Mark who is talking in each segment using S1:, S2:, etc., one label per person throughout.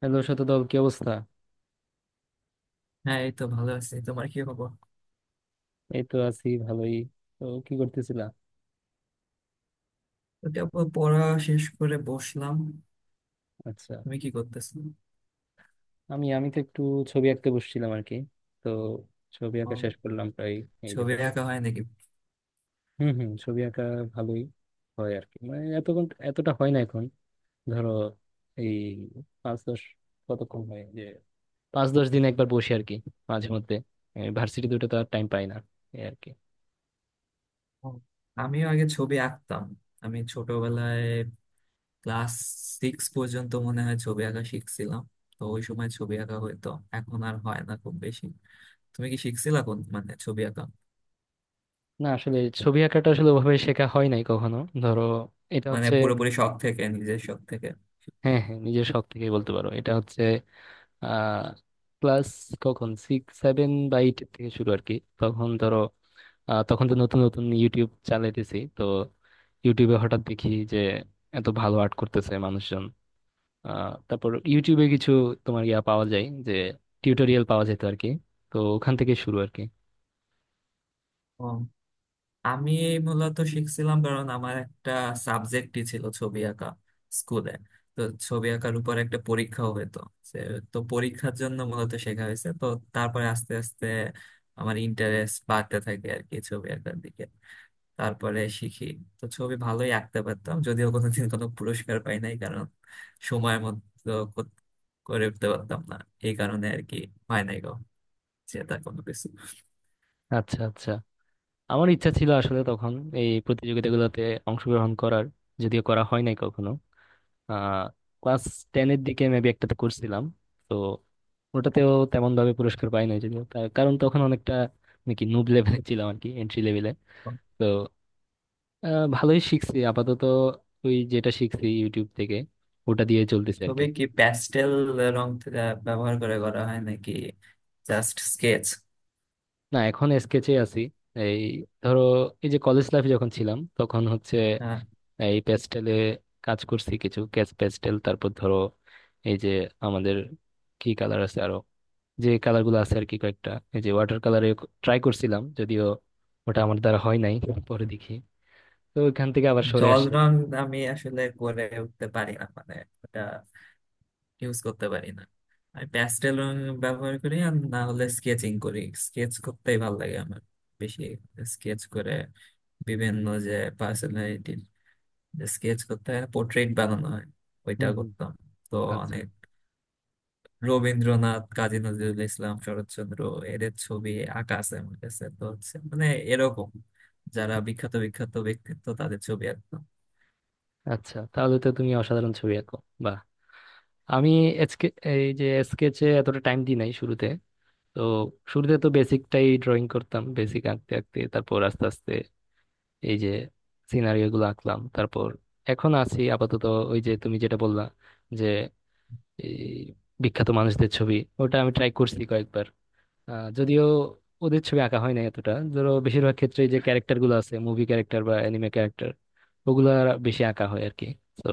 S1: Hello, Shatadal, কি অবস্থা?
S2: হ্যাঁ, এই তো ভালো আছি। তোমার কি খবর?
S1: এই তো আছি ভালোই। তো কি করতেছিলা?
S2: ওকে আপু, পড়া শেষ করে বসলাম।
S1: আচ্ছা।
S2: তুমি কি করতেছো?
S1: আমি আমি তো একটু ছবি আঁকতে বসছিলাম আর কি। তো ছবি
S2: ও,
S1: আঁকা শেষ করলাম প্রায়। এই যে
S2: ছবি
S1: পড়া।
S2: আঁকা হয় নাকি?
S1: হুম, হুম, ছবি আঁকা ভালোই হয় আর কি, মানে এতক্ষণ এতটা হয় না এখন। ধরো, এই পাঁচ দশ, কতক্ষণ হয় যে, 5-10 দিন একবার বসি আর কি, মাঝে মধ্যে। ভার্সিটি দুটো তো আর টাইম পাই না। এই আর কি।
S2: ও, আমিও আগে ছবি আঁকতাম। আমি ছোটবেলায় ক্লাস সিক্স পর্যন্ত মনে হয় ছবি আঁকা শিখছিলাম। তো ওই সময় ছবি আঁকা হইতো, এখন আর হয় না খুব বেশি। তুমি কি শিখছিলা কোন, মানে ছবি আঁকা?
S1: না, আসলে ছবি আঁকাটা আসলে ওভাবে শেখা হয় নাই কখনো। ধরো, এটা
S2: মানে
S1: হচ্ছে,
S2: পুরোপুরি শখ থেকে, নিজের শখ থেকে?
S1: হ্যাঁ, হ্যাঁ, নিজের শখ থেকেই বলতে পারো, এটা হচ্ছে আহ ক্লাস কখন সিক্স সেভেন বা এইট থেকে শুরু আর কি। তখন ধরো, তখন তো নতুন নতুন ইউটিউব চালাইতেছি তো, ইউটিউবে হঠাৎ দেখি যে এত ভালো আর্ট করতেছে মানুষজন। তারপর ইউটিউবে কিছু তোমার ইয়া পাওয়া যায় যে, টিউটোরিয়াল পাওয়া যেত আর কি। তো ওখান থেকে শুরু আর কি।
S2: আমি মূলত শিখছিলাম কারণ আমার একটা সাবজেক্টই ছিল ছবি আঁকা, স্কুলে। তো ছবি আঁকার উপর একটা পরীক্ষাও হতো। সে- তো পরীক্ষার জন্য মূলত শেখা হয়েছে। তো তারপরে আস্তে আস্তে আমার ইন্টারেস্ট বাড়তে থাকে আর কি ছবি আঁকার দিকে। তারপরে শিখি। তো ছবি ভালোই আঁকতে পারতাম যদিও কোনোদিন কোনো পুরস্কার পাই নাই কারণ সময় মতো করে উঠতে পারতাম না, এই কারণে আর কি। হয় নাই গো সেটা কোনো কিছু।
S1: আচ্ছা, আচ্ছা, আমার ইচ্ছা ছিল আসলে তখন এই প্রতিযোগিতাগুলোতে অংশগ্রহণ করার, যদিও করা হয় নাই কখনো। আহ ক্লাস টেনের দিকে মেবি একটাতে করছিলাম। তো ওটাতেও তেমন ভাবে পুরস্কার পাই নাই, যদিও তার কারণ তখন অনেকটা নাকি নুব লেভেলে ছিলাম আর কি, এন্ট্রি লেভেলে। তো ভালোই শিখছি আপাতত। ওই যেটা শিখছি ইউটিউব থেকে, ওটা দিয়ে চলতেছে আর কি।
S2: ছবি কি প্যাস্টেল রং থেকে ব্যবহার করে করা হয় নাকি জাস্ট স্কেচ?
S1: না, এখন স্কেচে আছি। এই ধরো, এই যে কলেজ লাইফে যখন ছিলাম তখন হচ্ছে এই প্যাস্টেলে কাজ করছি, কিছু ক্যাচ প্যাস্টেল, তারপর ধরো এই যে আমাদের কি কালার আছে আরো, যে কালার গুলো আছে আর কি কয়েকটা, এই যে ওয়াটার কালারে ট্রাই করছিলাম, যদিও ওটা আমার দ্বারা হয় নাই, পরে দেখি। তো ওইখান থেকে আবার সরে
S2: জল
S1: আসি আর কি।
S2: রং আমি আসলে করে উঠতে পারি না, মানে ওটা ইউজ করতে পারি না। আমি প্যাস্টেল রং ব্যবহার করি আর না হলে স্কেচিং করি। স্কেচ করতেই ভালো লাগে আমার বেশি। স্কেচ করে বিভিন্ন যে পার্সোনালিটি স্কেচ করতে হয়, পোর্ট্রেট বানানো হয়, ওইটা
S1: হুম, হুম।
S2: করতাম। তো
S1: আচ্ছা,
S2: অনেক রবীন্দ্রনাথ, কাজী নজরুল ইসলাম, শরৎচন্দ্র, এদের ছবি আঁকা আছে আমার কাছে। তো হচ্ছে মানে এরকম যারা বিখ্যাত বিখ্যাত ব্যক্তিত্ব তাদের ছবি আঁকতাম।
S1: আচ্ছা, তাহলে তো তুমি অসাধারণ ছবি আঁকো। বাহ। আমি এসকে এই যে স্কেচে এতটা টাইম দিই নাই শুরুতে। তো শুরুতে তো বেসিকটাই ড্রয়িং করতাম, বেসিক আঁকতে আঁকতে তারপর আস্তে আস্তে এই যে সিনারিও গুলো আঁকলাম, তারপর এখন আছি আপাতত। ওই যে তুমি যেটা বললা, যে এই বিখ্যাত মানুষদের ছবি, ওটা আমি ট্রাই করছি কয়েকবার। যদিও ওদের ছবি আঁকা হয় না এতটা, ধরো বেশিরভাগ ক্ষেত্রে যে ক্যারেক্টার গুলো আছে, মুভি ক্যারেক্টার বা অ্যানিমে ক্যারেক্টার, ওগুলা বেশি আঁকা হয় আর কি। তো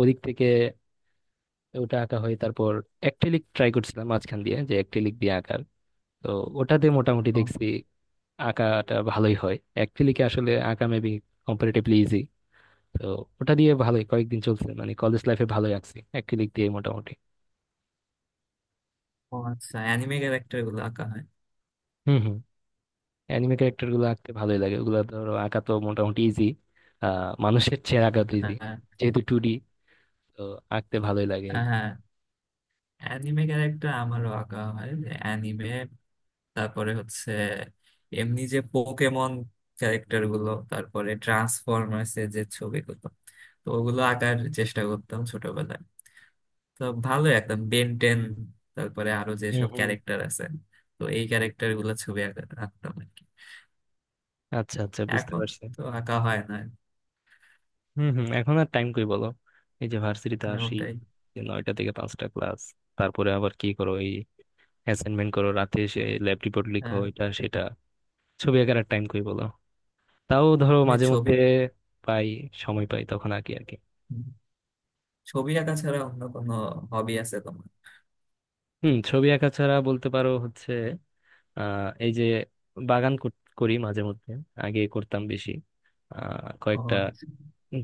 S1: ওদিক থেকে ওটা আঁকা হয়, তারপর অ্যাক্রিলিক ট্রাই করছিলাম মাঝখান দিয়ে, যে অ্যাক্রিলিক দিয়ে আঁকার। তো ওটাতে মোটামুটি
S2: ও।
S1: দেখছি আঁকাটা ভালোই হয় অ্যাক্রিলিকে, আসলে আঁকা মেবি কম্পারেটিভলি ইজি। তো ওটা দিয়ে ভালোই কয়েকদিন চলছে, মানে কলেজ লাইফে ভালোই আঁকছি অ্যাক্রিলিক দিয়ে মোটামুটি।
S2: ও আচ্ছা, অ্যানিমে ক্যারেক্টার গুলো আঁকা হয়?
S1: হম। অ্যানিমে ক্যারেক্টার গুলো আঁকতে ভালোই লাগে, ওগুলো ধরো আঁকা তো মোটামুটি ইজি। আহ মানুষের চেয়ে আঁকা তো ইজি,
S2: হ্যাঁ,
S1: যেহেতু টু ডি। তো আঁকতে ভালোই লাগে আর কি।
S2: হ্যাঁ, অ্যানিমে ক্যারেক্টার আমারও আঁকা হয়। অ্যানিমে, তারপরে হচ্ছে এমনি যে পোকেমন ক্যারেক্টার গুলো, তারপরে ট্রান্সফরমার্স এর যে ছবিগুলো, তো ওগুলো আঁকার চেষ্টা করতাম ছোটবেলায়। তো ভালো, একদম বেন টেন, তারপরে আরো
S1: হুম,
S2: যেসব
S1: হুম।
S2: ক্যারেক্টার আছে, তো এই ক্যারেক্টার গুলো আঁকতাম আর কি।
S1: আচ্ছা, আচ্ছা, বুঝতে
S2: এখন
S1: পারছি।
S2: তো আঁকা হয় না।
S1: হুম, হুম, এখন আর টাইম কই বলো। এই যে ভার্সিটিতে
S2: হ্যাঁ,
S1: আসি,
S2: ওটাই।
S1: যে নয়টা থেকে পাঁচটা ক্লাস, তারপরে আবার কি করো, এই অ্যাসাইনমেন্ট করো, রাতে এসে ল্যাব রিপোর্ট লিখো,
S2: হ্যাঁ,
S1: এটা সেটা। ছবি আঁকার আর টাইম কই বলো। তাও ধরো
S2: এই
S1: মাঝে
S2: ছবি।
S1: মধ্যে পাই সময় পাই তখন আঁকি আর কি।
S2: হুম। ছবি আঁকা ছাড়া অন্য কোনো হবি আছে তোমার?
S1: হুম, ছবি আঁকা ছাড়া বলতে পারো হচ্ছে এই যে বাগান করি মাঝে মধ্যে, আগে করতাম বেশি।
S2: ও
S1: কয়েকটা
S2: আচ্ছা।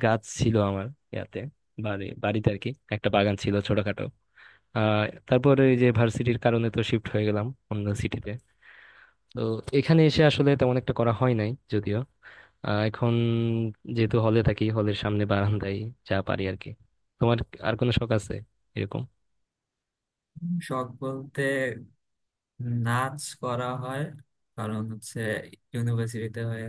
S1: গাছ ছিল আমার ইয়াতে, বাড়িতে আর কি, একটা বাগান ছিল ছোটখাটো। আহ তারপরে এই যে ভার্সিটির কারণে তো শিফট হয়ে গেলাম অন্য সিটিতে। তো এখানে এসে আসলে তেমন একটা করা হয় নাই যদিও। এখন যেহেতু হলে থাকি, হলের সামনে বারান্দায় যা পারি আর কি। তোমার আর কোনো শখ আছে এরকম?
S2: শখ বলতে, নাচ করা হয়। কারণ হচ্ছে ইউনিভার্সিটিতে হয়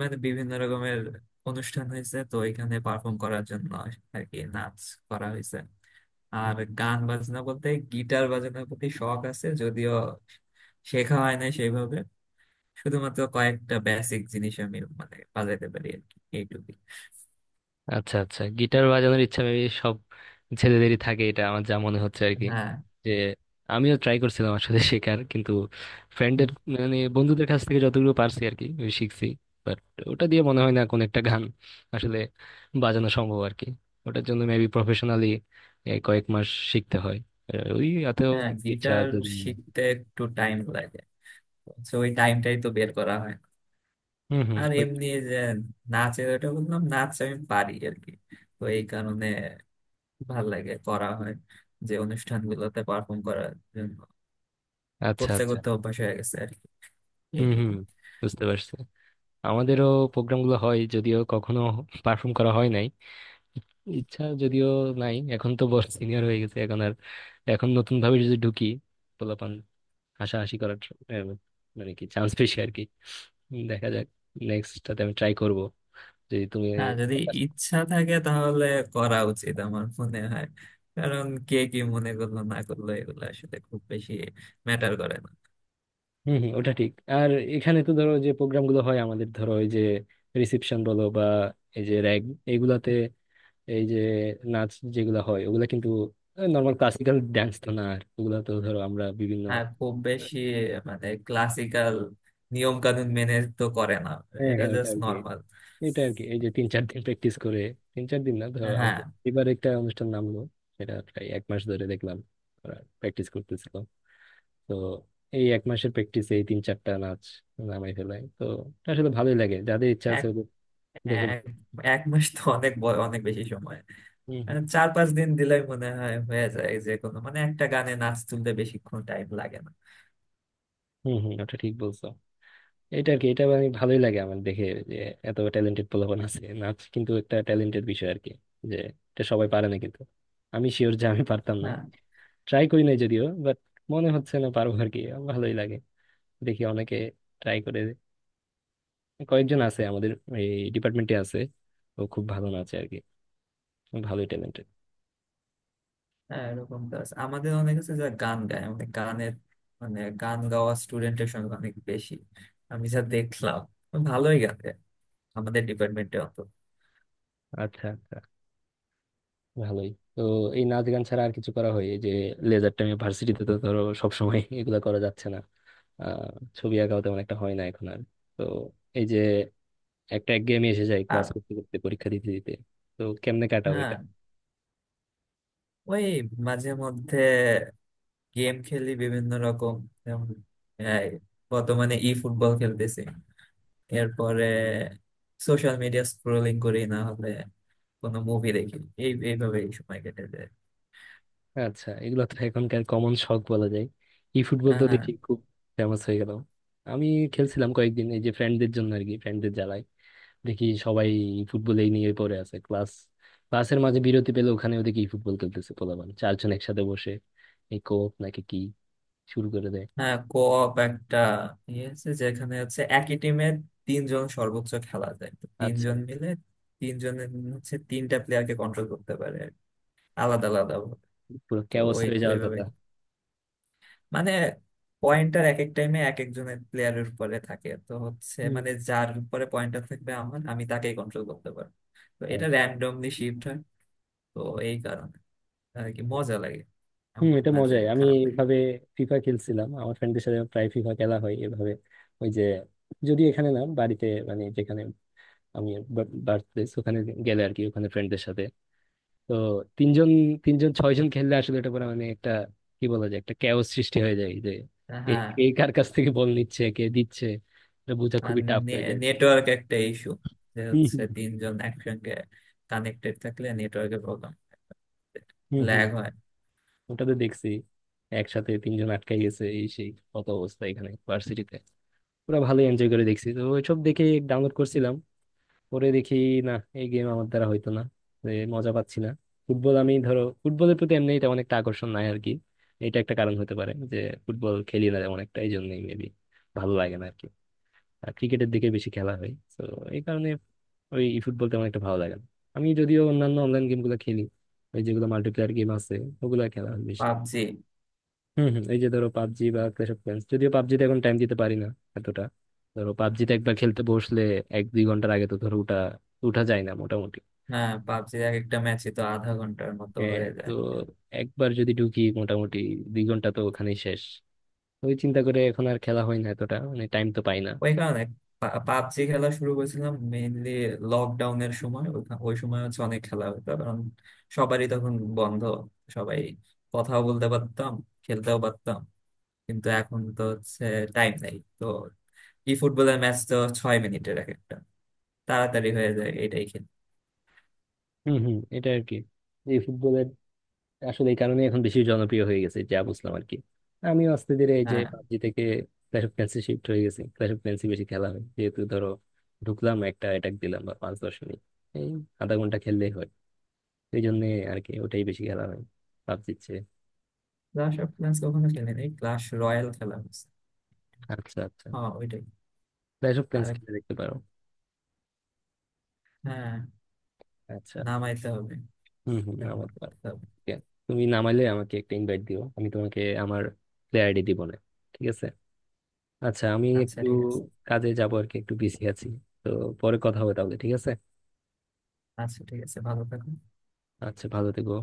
S2: মানে বিভিন্ন রকমের অনুষ্ঠান হয়েছে তো, এখানে পারফর্ম করার জন্য আর কি নাচ করা হয়েছে। আর গান বাজনা বলতে গিটার বাজানোর প্রতি শখ আছে যদিও শেখা হয় না সেইভাবে। শুধুমাত্র কয়েকটা বেসিক জিনিস আমি মানে বাজাইতে পারি আর কি, এইটুকুই।
S1: আচ্ছা, আচ্ছা, গিটার বাজানোর ইচ্ছা মেবি সব ছেলেদেরই থাকে, এটা আমার যা মনে হচ্ছে আর কি।
S2: হ্যাঁ।
S1: যে আমিও ট্রাই করছিলাম আসলে শেখার, কিন্তু ফ্রেন্ডের, মানে বন্ধুদের কাছ থেকে যতটুকু পারছি আর কি ওই শিখছি। বাট ওটা দিয়ে মনে হয় না কোন একটা গান আসলে বাজানো সম্ভব আর কি। ওটার জন্য মেবি প্রফেশনালি কয়েক মাস শিখতে হয়। ওই এতেও
S2: হ্যাঁ,
S1: ইচ্ছা
S2: গিটার
S1: যদি
S2: শিখতে একটু টাইম লাগে, তো ওই টাইমটাই তো বের করা হয় না।
S1: হুম, হুম,
S2: আর এমনি যে নাচের, ওটা বললাম নাচ আমি পারি আর কি, তো এই কারণে ভাল লাগে, করা হয় যে অনুষ্ঠানগুলোতে পারফর্ম করার জন্য।
S1: আচ্ছা,
S2: করতে
S1: আচ্ছা।
S2: করতে অভ্যাস হয়ে গেছে আর কি,
S1: হুম, হুম,
S2: এইটুকুই।
S1: বুঝতে পারছি। আমাদেরও প্রোগ্রামগুলো হয় যদিও, কখনো পারফর্ম করা হয় নাই। ইচ্ছা যদিও নাই, এখন তো বড় সিনিয়র হয়ে গেছে, এখন আর এখন নতুন ভাবে যদি ঢুকি, পোলাপান হাসাহাসি করার আহ, মানে কি চান্স পেয়েছি আর কি। দেখা যাক, নেক্সটটাতে আমি ট্রাই করব যদি তুমি।
S2: হ্যাঁ, যদি ইচ্ছা থাকে তাহলে করা উচিত আমার মনে হয়। কারণ কে কি মনে করলো না করলো এগুলো আসলে খুব বেশি ম্যাটার করে না।
S1: হম, হম, ওটা ঠিক। আর এখানে তো ধরো যে প্রোগ্রাম গুলো হয় আমাদের, ধরো এই যে রিসেপশন বলো বা এই যে র্যাগ এগুলাতে এই যে নাচ যেগুলো হয়, ওগুলা কিন্তু নর্মাল ক্লাসিক্যাল ডান্স তো না, আর ওগুলা তো ধরো আমরা বিভিন্ন
S2: হ্যাঁ খুব বেশি, মানে ক্লাসিক্যাল নিয়ম কানুন মেনে তো করে না।
S1: হ্যাঁ,
S2: এটা
S1: হ্যাঁ, ওটা
S2: জাস্ট
S1: আর কি।
S2: নর্মাল।
S1: এটা আর কি, এই যে তিন চার দিন প্র্যাকটিস করে, তিন চার দিন না, ধরো
S2: হ্যাঁ।
S1: আমাদের এবার একটা অনুষ্ঠান নামলো, সেটা প্রায় 1 মাস ধরে দেখলাম ওরা প্র্যাকটিস করতেছিল। তো এই 1 মাসের প্র্যাকটিসে এই তিন চারটা নাচ নামাই ফেলায় তো। এটা আসলে ভালোই লাগে, যাদের ইচ্ছা আছে ওদের
S2: হ্যাঁ।
S1: দেখে
S2: এক
S1: ভালো।
S2: এক মাস তো অনেক বড়, অনেক বেশি সময়।
S1: হম,
S2: মানে
S1: হম।
S2: চার পাঁচ দিন দিলেই মনে হয় হয়ে যায় যে কোনো, মানে একটা গানে নাচ তুলতে বেশিক্ষণ টাইম লাগে না।
S1: হম, হম, ওটা ঠিক বলছো। এটা আর কি, এটা আমি ভালোই লাগে আমার দেখে, যে এত ট্যালেন্টেড পোলাপান আছে, নাচ কিন্তু একটা ট্যালেন্টেড বিষয় আর কি। যে এটা সবাই পারে না, কিন্তু আমি শিওর যে আমি পারতাম না।
S2: হ্যাঁ।
S1: ট্রাই করি নাই যদিও, বাট মনে হচ্ছে না পারবো আর কি। ভালোই লাগে, দেখি অনেকে ট্রাই করে। কয়েকজন আছে আমাদের এই ডিপার্টমেন্টে আছে, ও খুব ভালো নাচে আর কি। ভালোই ট্যালেন্টেড।
S2: হ্যাঁ, এরকম তো আছে। আমাদের অনেক আছে যারা গান গায়, মানে গানের, মানে গান গাওয়া স্টুডেন্টের সংখ্যা অনেক বেশি আমি যা দেখলাম। ভালোই গান গায় আমাদের ডিপার্টমেন্টে অত।
S1: আচ্ছা, আচ্ছা। ভালোই তো। এই নাচ গান ছাড়া আর কিছু করা হয়, এই যে লেজার টাইমে ভার্সিটিতে তো ধরো সবসময় এগুলা করা যাচ্ছে না। আহ ছবি আঁকাও তেমন একটা হয় না এখন আর। তো এই যে একটা একঘেয়েমি এসে যায়,
S2: আর
S1: ক্লাস করতে করতে, পরীক্ষা দিতে দিতে। তো কেমনে কাটাও?
S2: হ্যাঁ, ওই মাঝে মধ্যে গেম খেলি বিভিন্ন রকম। যেমন এই, বর্তমানে ই ফুটবল খেলতেছি। এরপরে সোশ্যাল মিডিয়া স্ক্রোলিং করি, না হলে কোনো মুভি দেখি। এই এইভাবেই সময় কেটে যায়।
S1: আচ্ছা, এগুলো তো এখনকার কমন শখ বলা যায়। ই ফুটবল তো
S2: হ্যাঁ।
S1: দেখি খুব ফেমাস হয়ে গেল। আমি খেলছিলাম কয়েকদিন, এই যে ফ্রেন্ডদের জন্য আর কি, ফ্রেন্ডদের জ্বালায়। দেখি সবাই ই ফুটবলেই নিয়ে পড়ে আছে, ক্লাস ক্লাসের মাঝে বিরতি পেলে ওখানে ওদিকে ই ফুটবল খেলতেছে পোলাপান, চারজন একসাথে বসে এই কোপ নাকি কি শুরু করে দেয়।
S2: হ্যাঁ, কোঅপ একটা ইয়ে আছে যেখানে হচ্ছে একই টিমের তিনজন সর্বোচ্চ খেলা যায়, তো
S1: আচ্ছা।
S2: তিনজন মিলে তিনজনের হচ্ছে তিনটা প্লেয়ারকে কন্ট্রোল করতে পারে আর কি, আলাদা আলাদা ভাবে।
S1: পুরো
S2: তো
S1: ক্যাওস
S2: ওই
S1: হয়ে যাওয়ার
S2: ওইভাবে
S1: কথা।
S2: মানে পয়েন্টার এক এক টাইমে এক একজনের প্লেয়ারের উপরে থাকে, তো হচ্ছে
S1: হুম,
S2: মানে যার উপরে পয়েন্টার থাকবে আমার আমি তাকেই কন্ট্রোল করতে পারবো। তো
S1: আর-
S2: এটা র্যান্ডমলি শিফট হয়। তো এই কারণে আর কি মজা লাগে।
S1: হুম,
S2: এমন
S1: এটা
S2: না যে
S1: মজাই। আমি
S2: খারাপ লাগে।
S1: এইভাবে ফিফা খেলছিলাম, আমার ফ্রেন্ডদের সাথে প্রায় ফিফা খেলা হয় এভাবে। ওই যে, যদি এখানে না, বাড়িতে, মানে যেখানে আমি বার্থপ্লেস ওখানে গেলে আর কি, ওখানে ফ্রেন্ডদের সাথে। তো তিনজন তিনজন ছয়জন খেললে আসলে এটা পরে মানে একটা, কি বলা যায়, একটা ক্যাওস সৃষ্টি হয়ে যায় যে
S2: তা
S1: এ,
S2: হ্যাঁ।
S1: কে কার কাছ থেকে বল নিচ্ছে, কে দিচ্ছে, এটা বোঝা
S2: আর
S1: খুবই টাফ হয়ে যায় আর কি।
S2: নেটওয়ার্ক একটা ইস্যু, যে হচ্ছে
S1: হম,
S2: তিনজন একসঙ্গে কানেক্টেড থাকলে নেটওয়ার্কে প্রবলেম,
S1: হম, হম,
S2: ল্যাগ
S1: হম।
S2: হয়।
S1: ওটা তো দেখছি একসাথে তিনজন আটকাই গেছে, এই সেই কত অবস্থা এখানে ভার্সিটিতে। পুরো ভালোই এনজয় করে দেখছি তো, ওইসব দেখে ডাউনলোড করছিলাম, পরে দেখি না, এই গেম আমার দ্বারা হইতো না। মজা পাচ্ছি না। ফুটবল, আমি ধরো ফুটবলের প্রতি এমনি এটা অনেকটা আকর্ষণ নাই আর কি। এটা একটা কারণ হতে পারে যে ফুটবল খেলি না তেমন একটা, এই জন্যই মেবি ভালো লাগে না আর কি। আর ক্রিকেটের দিকে বেশি খেলা হয় তো, এই কারণে ওই ফুটবল তেমন একটা ভালো লাগে না। আমি যদিও অন্যান্য অনলাইন গেমগুলো খেলি, ওই যেগুলো মাল্টিপ্লেয়ার গেম আছে, ওগুলো খেলা হয় বেশি।
S2: পাবজি।
S1: হম, হম, এই যে ধরো পাবজি বা ক্ল্যাশ অফ ক্ল্যান্স, যদিও পাবজিতে এখন টাইম দিতে পারি না এতটা। ধরো পাবজিতে একবার খেলতে বসলে 1-2 ঘন্টার আগে তো ধরো উঠা উঠা যায় না মোটামুটি।
S2: হ্যাঁ, পাবজি এক একটা ম্যাচে তো আধা ঘন্টার মতো
S1: হ্যাঁ,
S2: হয়ে
S1: তো
S2: যায়।
S1: একবার যদি ঢুকি মোটামুটি 2 ঘন্টা তো ওখানেই শেষ। ওই চিন্তা করে এখন আর খেলা হয় না এতটা, মানে টাইম তো পাই না।
S2: ওই কারণে পাবজি খেলা শুরু করেছিলাম মেইনলি লকডাউনের সময়। ওই সময় হচ্ছে অনেক খেলা হতো কারণ সবারই তখন বন্ধ, সবাই কথাও বলতে পারতাম, খেলতেও পারতাম। কিন্তু এখন তো হচ্ছে টাইম নেই তো। ই ফুটবলের ম্যাচ তো 6 মিনিটের এক একটা, তাড়াতাড়ি হয়ে যায়, এটাই খেলি।
S1: হম, হম, এটা আর কি। এই ফুটবলের আসলে এই কারণে এখন বেশি জনপ্রিয় হয়ে গেছে যা বুঝলাম আর কি। আমিও আস্তে ধীরে এই যে
S2: হ্যাঁ,
S1: পাবজি থেকে ক্ল্যাশ অফ ক্ল্যান্সে শিফট হয়ে গেছি, ক্ল্যাশ অফ ক্ল্যান্সে বেশি খেলা হয় যেহেতু ধরো ঢুকলাম একটা অ্যাটাক দিলাম বা 5-10 মিনিট, এই আধা ঘন্টা খেললেই হয়। এই জন্য আর কি ওটাই বেশি খেলা হয় পাবজির চেয়ে।
S2: ক্লাশ অফ ক্লান্স কখনো খেলি নাই, ক্লাশ রয়্যাল খেলা হয়েছে।
S1: আচ্ছা, আচ্ছা।
S2: হ্যাঁ, ওইটাই।
S1: ক্ল্যাশ অফ
S2: আর
S1: ক্ল্যান্স খেলে দেখতে পারো।
S2: হ্যাঁ,
S1: আচ্ছা।
S2: নামাইতে হবে,
S1: হম, হম, আমার
S2: ডাউনলোড
S1: পার।
S2: করতে হবে।
S1: ঠিক আছে। তুমি নামাইলে আমাকে একটা ইনভাইট দিও, আমি তোমাকে আমার প্লেয়ার আইডি দিব। না, ঠিক আছে। আচ্ছা, আমি
S2: আচ্ছা
S1: একটু
S2: ঠিক আছে।
S1: কাজে যাবো আর কি, একটু বিজি আছি। তো পরে কথা হবে তাহলে, ঠিক আছে?
S2: আচ্ছা ঠিক আছে, ভালো থাকো।
S1: আচ্ছা, ভালো থেকো।